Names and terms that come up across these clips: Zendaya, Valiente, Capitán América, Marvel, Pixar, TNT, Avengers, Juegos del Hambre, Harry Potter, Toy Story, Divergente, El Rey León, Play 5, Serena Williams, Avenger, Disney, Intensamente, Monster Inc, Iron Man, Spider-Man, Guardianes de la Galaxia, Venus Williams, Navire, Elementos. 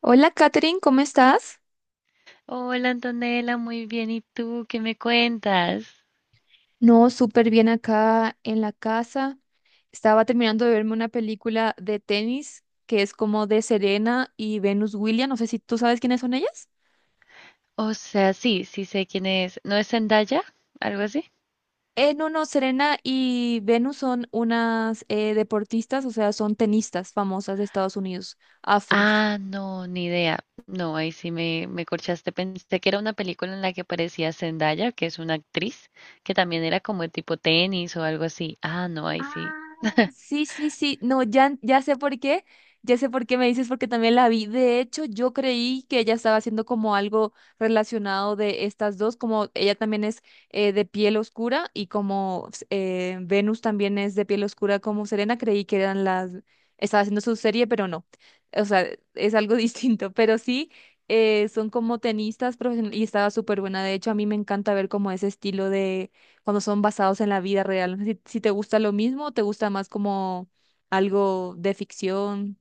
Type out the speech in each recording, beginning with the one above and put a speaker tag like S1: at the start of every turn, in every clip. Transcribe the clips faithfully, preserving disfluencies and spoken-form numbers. S1: Hola, Katherine, ¿cómo estás?
S2: Hola, Antonella, muy bien. ¿Y tú qué me cuentas?
S1: No, súper bien acá en la casa. Estaba terminando de verme una película de tenis que es como de Serena y Venus Williams. No sé si tú sabes quiénes son ellas.
S2: O sea, sí, sí sé quién es. ¿No es Zendaya? ¿Algo así?
S1: Eh, no, no, Serena y Venus son unas eh, deportistas, o sea, son tenistas famosas de Estados Unidos, afros.
S2: Ah, no, ni idea. No, ahí sí me, me corchaste. Pensé que era una película en la que aparecía Zendaya, que es una actriz, que también era como de tipo tenis o algo así. Ah, no, ahí
S1: Ah,
S2: sí.
S1: sí, sí, sí. No, ya, ya sé por qué. Ya sé por qué me dices, porque también la vi. De hecho, yo creí que ella estaba haciendo como algo relacionado de estas dos, como ella también es eh, de piel oscura y como eh, Venus también es de piel oscura como Serena, creí que eran las. Estaba haciendo su serie, pero no. O sea, es algo distinto, pero sí. eh, son como tenistas profesionales y estaba súper buena. De hecho, a mí me encanta ver como ese estilo de cuando son basados en la vida real. No sé Si, si te gusta lo mismo o te gusta más como algo de ficción,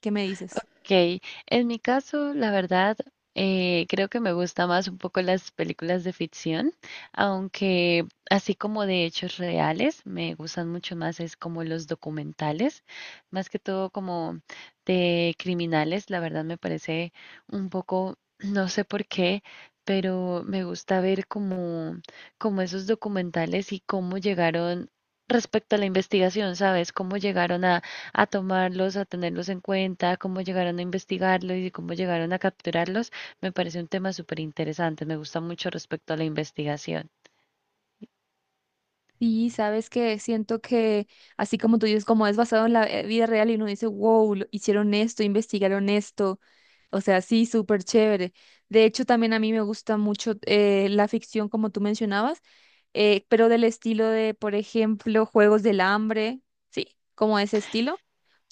S1: ¿qué me dices?
S2: Ok, en mi caso, la verdad, eh, creo que me gusta más un poco las películas de ficción, aunque así como de hechos reales, me gustan mucho más es como los documentales, más que todo como de criminales, la verdad me parece un poco, no sé por qué, pero me gusta ver como, como esos documentales y cómo llegaron respecto a la investigación, ¿sabes? Cómo llegaron a a tomarlos, a tenerlos en cuenta, cómo llegaron a investigarlos y cómo llegaron a capturarlos, me parece un tema súper interesante. Me gusta mucho respecto a la investigación.
S1: Sí, sabes que siento que así como tú dices, como es basado en la eh, vida real y uno dice, wow, lo- hicieron esto, investigaron esto. O sea, sí, súper chévere. De hecho, también a mí me gusta mucho eh, la ficción, como tú mencionabas, eh, pero del estilo de, por ejemplo, Juegos del Hambre, sí, como ese estilo.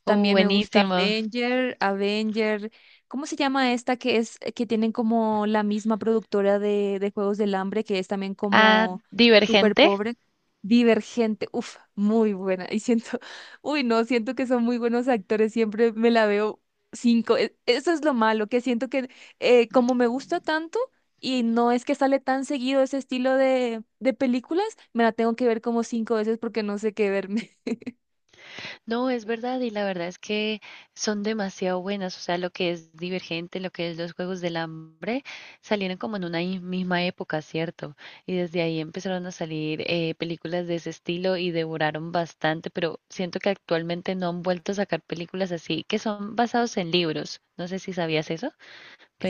S2: Oh,
S1: También me gusta
S2: buenísimo.
S1: Avenger, Avenger. ¿Cómo se llama esta que es eh, que tienen como la misma productora de, de Juegos del Hambre, que es también
S2: Ah,
S1: como súper
S2: Divergente.
S1: pobre? Divergente, uf, muy buena. Y siento, uy, no, siento que son muy buenos actores, siempre me la veo cinco. E- Eso es lo malo, que siento que eh, como me gusta tanto y no es que sale tan seguido ese estilo de, de películas, me la tengo que ver como cinco veces porque no sé qué verme.
S2: No, es verdad, y la verdad es que son demasiado buenas, o sea, lo que es Divergente, lo que es los Juegos del Hambre, salieron como en una i- misma época, ¿cierto? Y desde ahí empezaron a salir eh, películas de ese estilo y devoraron bastante, pero siento que actualmente no han vuelto a sacar películas así, que son basados en libros. No sé si sabías eso,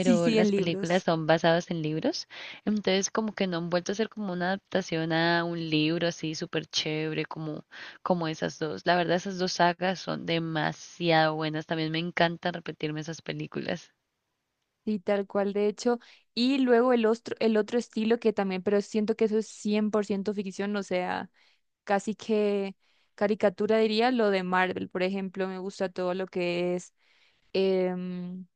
S1: Sí, sí, en
S2: las
S1: libros.
S2: películas son basadas en libros, entonces como que no han vuelto a hacer como una adaptación a un libro así súper chévere como, como, esas dos. La verdad, esas dos sagas son demasiado buenas, también me encanta repetirme esas películas.
S1: Sí, tal cual, de hecho. Y luego el otro, el otro estilo que también, pero siento que eso es cien por ciento ficción, o sea, casi que caricatura diría lo de Marvel, por ejemplo, me gusta todo lo que es, em,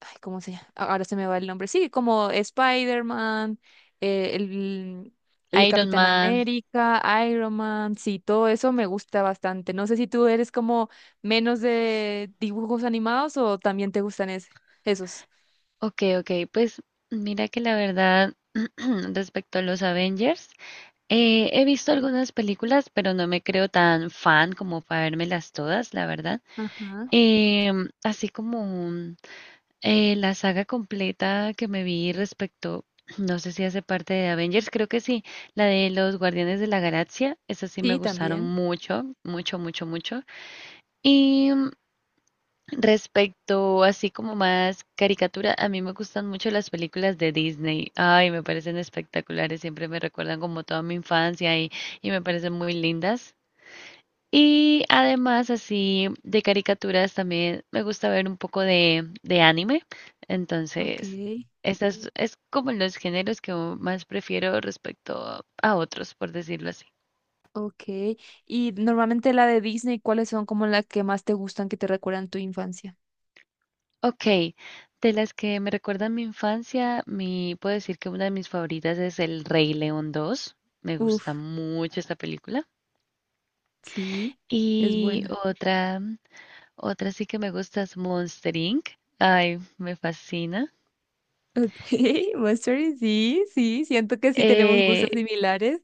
S1: ay, ¿cómo se llama? A- Ahora se me va el nombre, sí, como Spider-Man, eh, el, el
S2: Iron
S1: Capitán
S2: Man.
S1: América, Iron Man, sí, todo eso me gusta bastante. No sé si tú eres como menos de dibujos animados o también te gustan ese- esos.
S2: Ok, ok, pues mira que la verdad. Respecto a los Avengers, eh, he visto algunas películas, pero no me creo tan fan como para vérmelas todas, la verdad.
S1: Ajá.
S2: Em, así como. Eh, la saga completa que me vi respecto, no sé si hace parte de Avengers, creo que sí, la de los Guardianes de la Galaxia, esas sí me
S1: Sí,
S2: gustaron
S1: también.
S2: mucho, mucho, mucho, mucho. Y mm, respecto así como más caricatura, a mí me gustan mucho las películas de Disney. Ay, me parecen espectaculares, siempre me recuerdan como toda mi infancia y, y me parecen muy lindas. Y además así de caricaturas también me gusta ver un poco de, de anime.
S1: Ok,
S2: Entonces, esas es como los géneros que más prefiero respecto a otros, por decirlo así.
S1: ok. Y normalmente la de Disney, ¿cuáles son como las que más te gustan que te recuerdan tu infancia?
S2: Ok, de las que me recuerdan mi infancia, mi, puedo decir que una de mis favoritas es El Rey León dos. Me
S1: Uf,
S2: gusta mucho esta película.
S1: sí, es
S2: Y
S1: buena.
S2: otra, otra sí que me gusta es Monster Inc. Ay, me fascina.
S1: Ok, Monster, sí, sí, siento que sí tenemos gustos
S2: Eh,
S1: similares.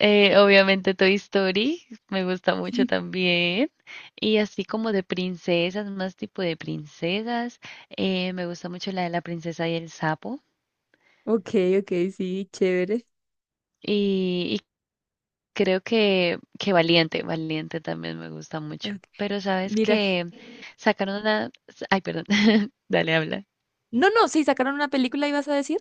S2: Eh, obviamente Toy Story, me gusta mucho también. Y así como de princesas, más tipo de princesas. Eh, me gusta mucho la de la princesa y el sapo.
S1: Ok, ok, sí, chévere.
S2: Y, y creo que, que Valiente, Valiente también me gusta mucho.
S1: Ok,
S2: Pero sabes
S1: mira,
S2: que sacaron una. Ay, perdón, dale, habla.
S1: no, no, sí, sacaron una película, ¿ibas a decir?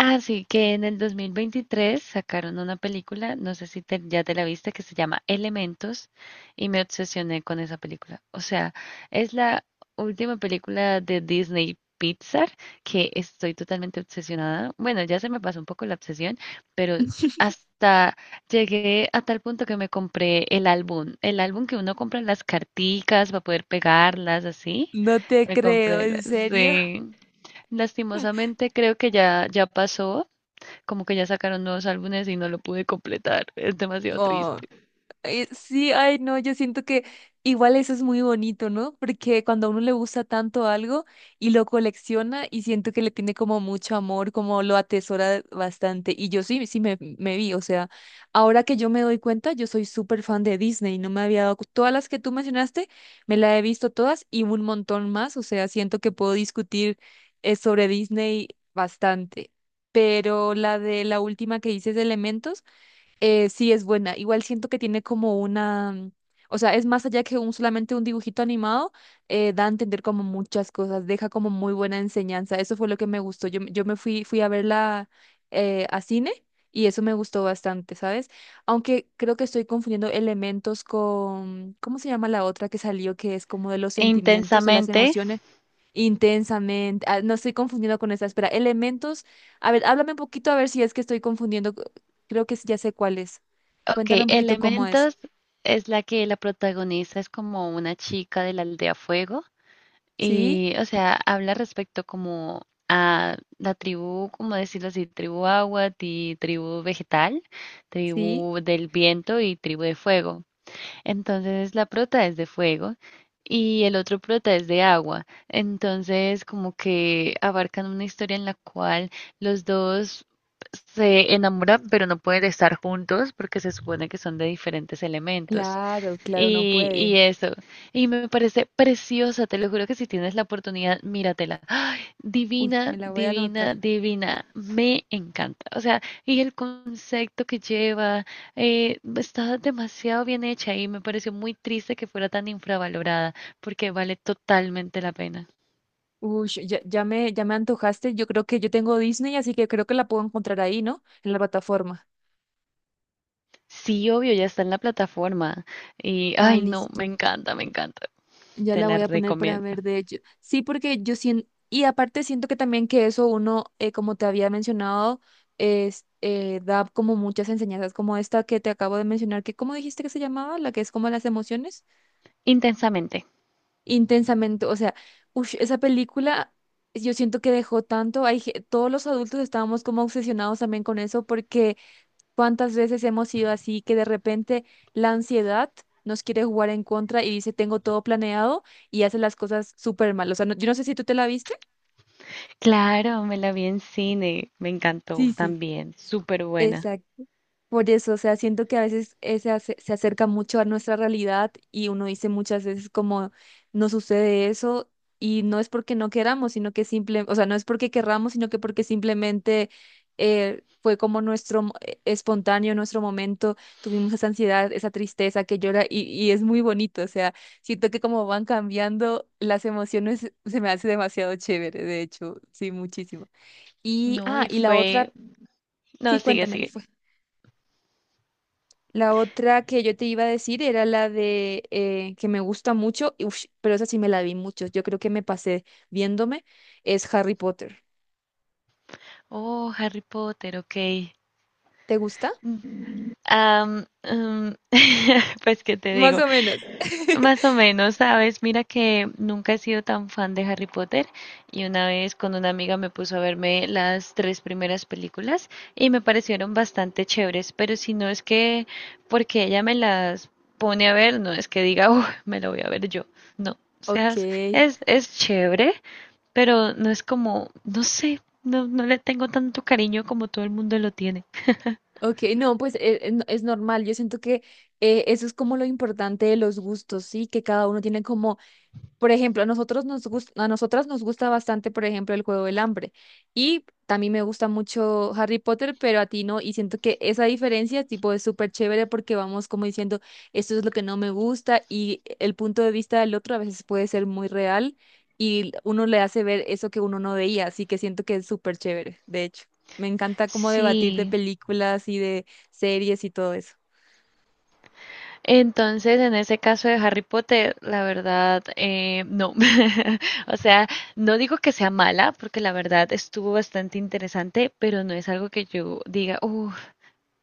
S2: Ah, sí, que en el dos mil veintitrés sacaron una película, no sé si te- ya te la viste, que se llama Elementos y me obsesioné con esa película. O sea, es la última película de Disney Pixar que estoy totalmente obsesionada. Bueno, ya se me pasó un poco la obsesión, pero hasta llegué a tal punto que me compré el álbum, el álbum que uno compra en las carticas para poder pegarlas así.
S1: No te
S2: Me
S1: creo, ¿en
S2: compré,
S1: serio?
S2: sí. Lastimosamente creo que ya, ya pasó, como que ya sacaron nuevos álbumes y no lo pude completar, es demasiado
S1: No,
S2: triste.
S1: Eh, sí, ay, no, yo siento que igual eso es muy bonito, ¿no? Porque cuando a uno le gusta tanto algo y lo colecciona y siento que le tiene como mucho amor, como lo atesora bastante. Y yo sí, sí me, me vi, o sea, ahora que yo me doy cuenta, yo soy súper fan de Disney, no me había dado, cu- todas las que tú mencionaste, me las he visto todas y un montón más, o sea, siento que puedo discutir eh, sobre Disney bastante. Pero la de la última que dices de Elementos. Eh, sí, es buena. Igual siento que tiene como una, mm, o sea, es más allá que un, solamente un dibujito animado, eh, da a entender como muchas cosas, deja como muy buena enseñanza. Eso fue lo que me gustó. Yo, yo me fui, fui a verla eh, a cine y eso me gustó bastante, ¿sabes? Aunque creo que estoy confundiendo elementos con, ¿cómo se llama la otra que salió que es como de los sentimientos, de las
S2: Intensamente.
S1: emociones? Intensamente, ah, no estoy confundiendo con esa, espera, elementos, a ver, háblame un poquito a ver si es que estoy confundiendo. Creo que ya sé cuál es. Cuéntame
S2: Ok,
S1: un poquito cómo es.
S2: Elementos es la que la protagonista es como una chica de la aldea Fuego
S1: ¿Sí?
S2: y, o sea, habla respecto como a la tribu, como decirlo así, tribu agua y tribu vegetal,
S1: ¿Sí?
S2: tribu del viento y tribu de fuego. Entonces la prota es de fuego y el otro prota es de agua. Entonces como que abarcan una historia en la cual los dos se enamoran pero no pueden estar juntos porque se supone que son de diferentes elementos.
S1: Claro, claro, no
S2: Y,
S1: puede.
S2: y eso. Y me parece preciosa, te lo juro que si tienes la oportunidad, míratela. ¡Ay,
S1: Uy, me
S2: divina,
S1: la voy a anotar.
S2: divina, divina! Me encanta. O sea, y el concepto que lleva, eh, está demasiado bien hecha y me pareció muy triste que fuera tan infravalorada porque vale totalmente la pena.
S1: Uy, ya, ya me, ya me antojaste. Yo creo que yo tengo Disney, así que creo que la puedo encontrar ahí, ¿no? En la plataforma.
S2: Sí, obvio, ya está en la plataforma. Y,
S1: Ah,
S2: ay, no,
S1: listo.
S2: me encanta, me encanta.
S1: Ya
S2: Te
S1: la
S2: la
S1: voy a poner para
S2: recomiendo.
S1: ver, de hecho. Sí, porque yo siento, y aparte siento que también que eso uno, eh, como te había mencionado, es, eh, da como muchas enseñanzas como esta que te acabo de mencionar, que ¿cómo dijiste que se llamaba? La que es como las emociones.
S2: Intensamente.
S1: Intensamente. O sea, ush, esa película yo siento que dejó tanto. Hay, ge- todos los adultos estábamos como obsesionados también con eso porque cuántas veces hemos sido así que de repente la ansiedad nos quiere jugar en contra y dice tengo todo planeado y hace las cosas súper mal. O sea, no- yo no sé si tú te la viste.
S2: Claro, me la vi en cine, me encantó
S1: Sí, sí.
S2: también, súper buena.
S1: Exacto. Por eso, o sea, siento que a veces ese ace- se acerca mucho a nuestra realidad y uno dice muchas veces como no sucede eso y no es porque no queramos, sino que simple, o sea, no es porque querramos, sino que porque simplemente eh, fue como nuestro mo- eh, espontáneo, nuestro momento, tuvimos esa ansiedad, esa tristeza que llora y, y es muy bonito, o sea, siento que como van cambiando las emociones, se me hace demasiado chévere, de hecho, sí, muchísimo. Y,
S2: No,
S1: ah,
S2: y
S1: y la
S2: fue.
S1: otra,
S2: No,
S1: sí,
S2: sigue,
S1: cuéntame.
S2: sigue.
S1: La otra que yo te iba a decir era la de eh, que me gusta mucho, y ush, pero esa sí me la vi mucho. Yo creo que me pasé viéndome, es Harry Potter.
S2: Oh, Harry Potter, ok.
S1: ¿Te gusta?
S2: Mm, am, mm, pues, ¿qué te
S1: Más
S2: digo?
S1: o menos.
S2: Más o menos, ¿sabes? Mira que nunca he sido tan fan de Harry Potter y una vez con una amiga me puso a verme las tres primeras películas y me parecieron bastante chéveres, pero si no es que porque ella me las pone a ver, no es que diga, "Uh, me lo voy a ver yo". No, o sea,
S1: Ok,
S2: es, es es chévere, pero no es como, no sé, no, no le tengo tanto cariño como todo el mundo lo tiene.
S1: ok, no, pues eh, eh, no- es normal. Yo siento que eh, eso es como lo importante de los gustos, ¿sí? Que cada uno tiene como. Por ejemplo, a nosotros nos gus- a nosotras nos gusta bastante, por ejemplo, el Juego del Hambre. Y también me gusta mucho Harry Potter, pero a ti no. Y siento que esa diferencia, tipo, es súper chévere porque vamos como diciendo, esto es lo que no me gusta y el punto de vista del otro a veces puede ser muy real y uno le hace ver eso que uno no veía. Así que siento que es súper chévere, de hecho. Me encanta como debatir de
S2: Sí.
S1: películas y de series y todo eso.
S2: Entonces, en ese caso de Harry Potter, la verdad, eh, no. O sea, no digo que sea mala, porque la verdad estuvo bastante interesante, pero no es algo que yo diga, uff,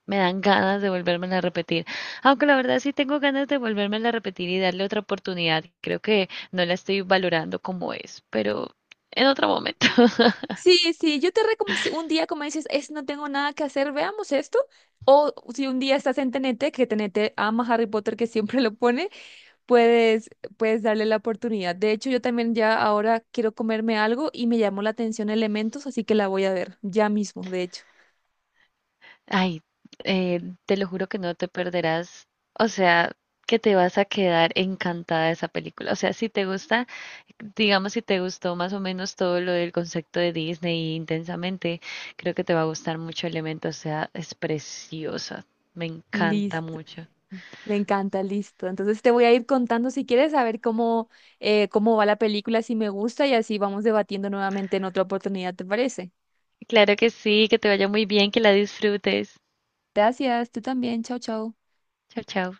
S2: me dan ganas de volvérmela a repetir. Aunque la verdad sí tengo ganas de volvérmela a repetir y darle otra oportunidad. Creo que no la estoy valorando como es, pero en otro momento.
S1: Sí, sí, yo te recomiendo, si un día como dices, es, no tengo nada que hacer, veamos esto. O si un día estás en T N T que T N T ama Harry Potter, que siempre lo pone, puedes, puedes darle la oportunidad. De hecho, yo también ya ahora quiero comerme algo y me llamó la atención Elementos, así que la voy a ver ya mismo, de hecho.
S2: Ay, eh, te lo juro que no te perderás, o sea, que te vas a quedar encantada de esa película. O sea, si te gusta, digamos, si te gustó más o menos todo lo del concepto de Disney intensamente, creo que te va a gustar mucho Elemento, o sea, es preciosa, me encanta
S1: Listo,
S2: mucho.
S1: me encanta, listo. Entonces te voy a ir contando si quieres saber cómo, eh, cómo va la película, si me gusta y así vamos debatiendo nuevamente en otra oportunidad, ¿te parece?
S2: Claro que sí, que te vaya muy bien, que la disfrutes.
S1: Gracias, tú también, chao, chao.
S2: Chao, chao.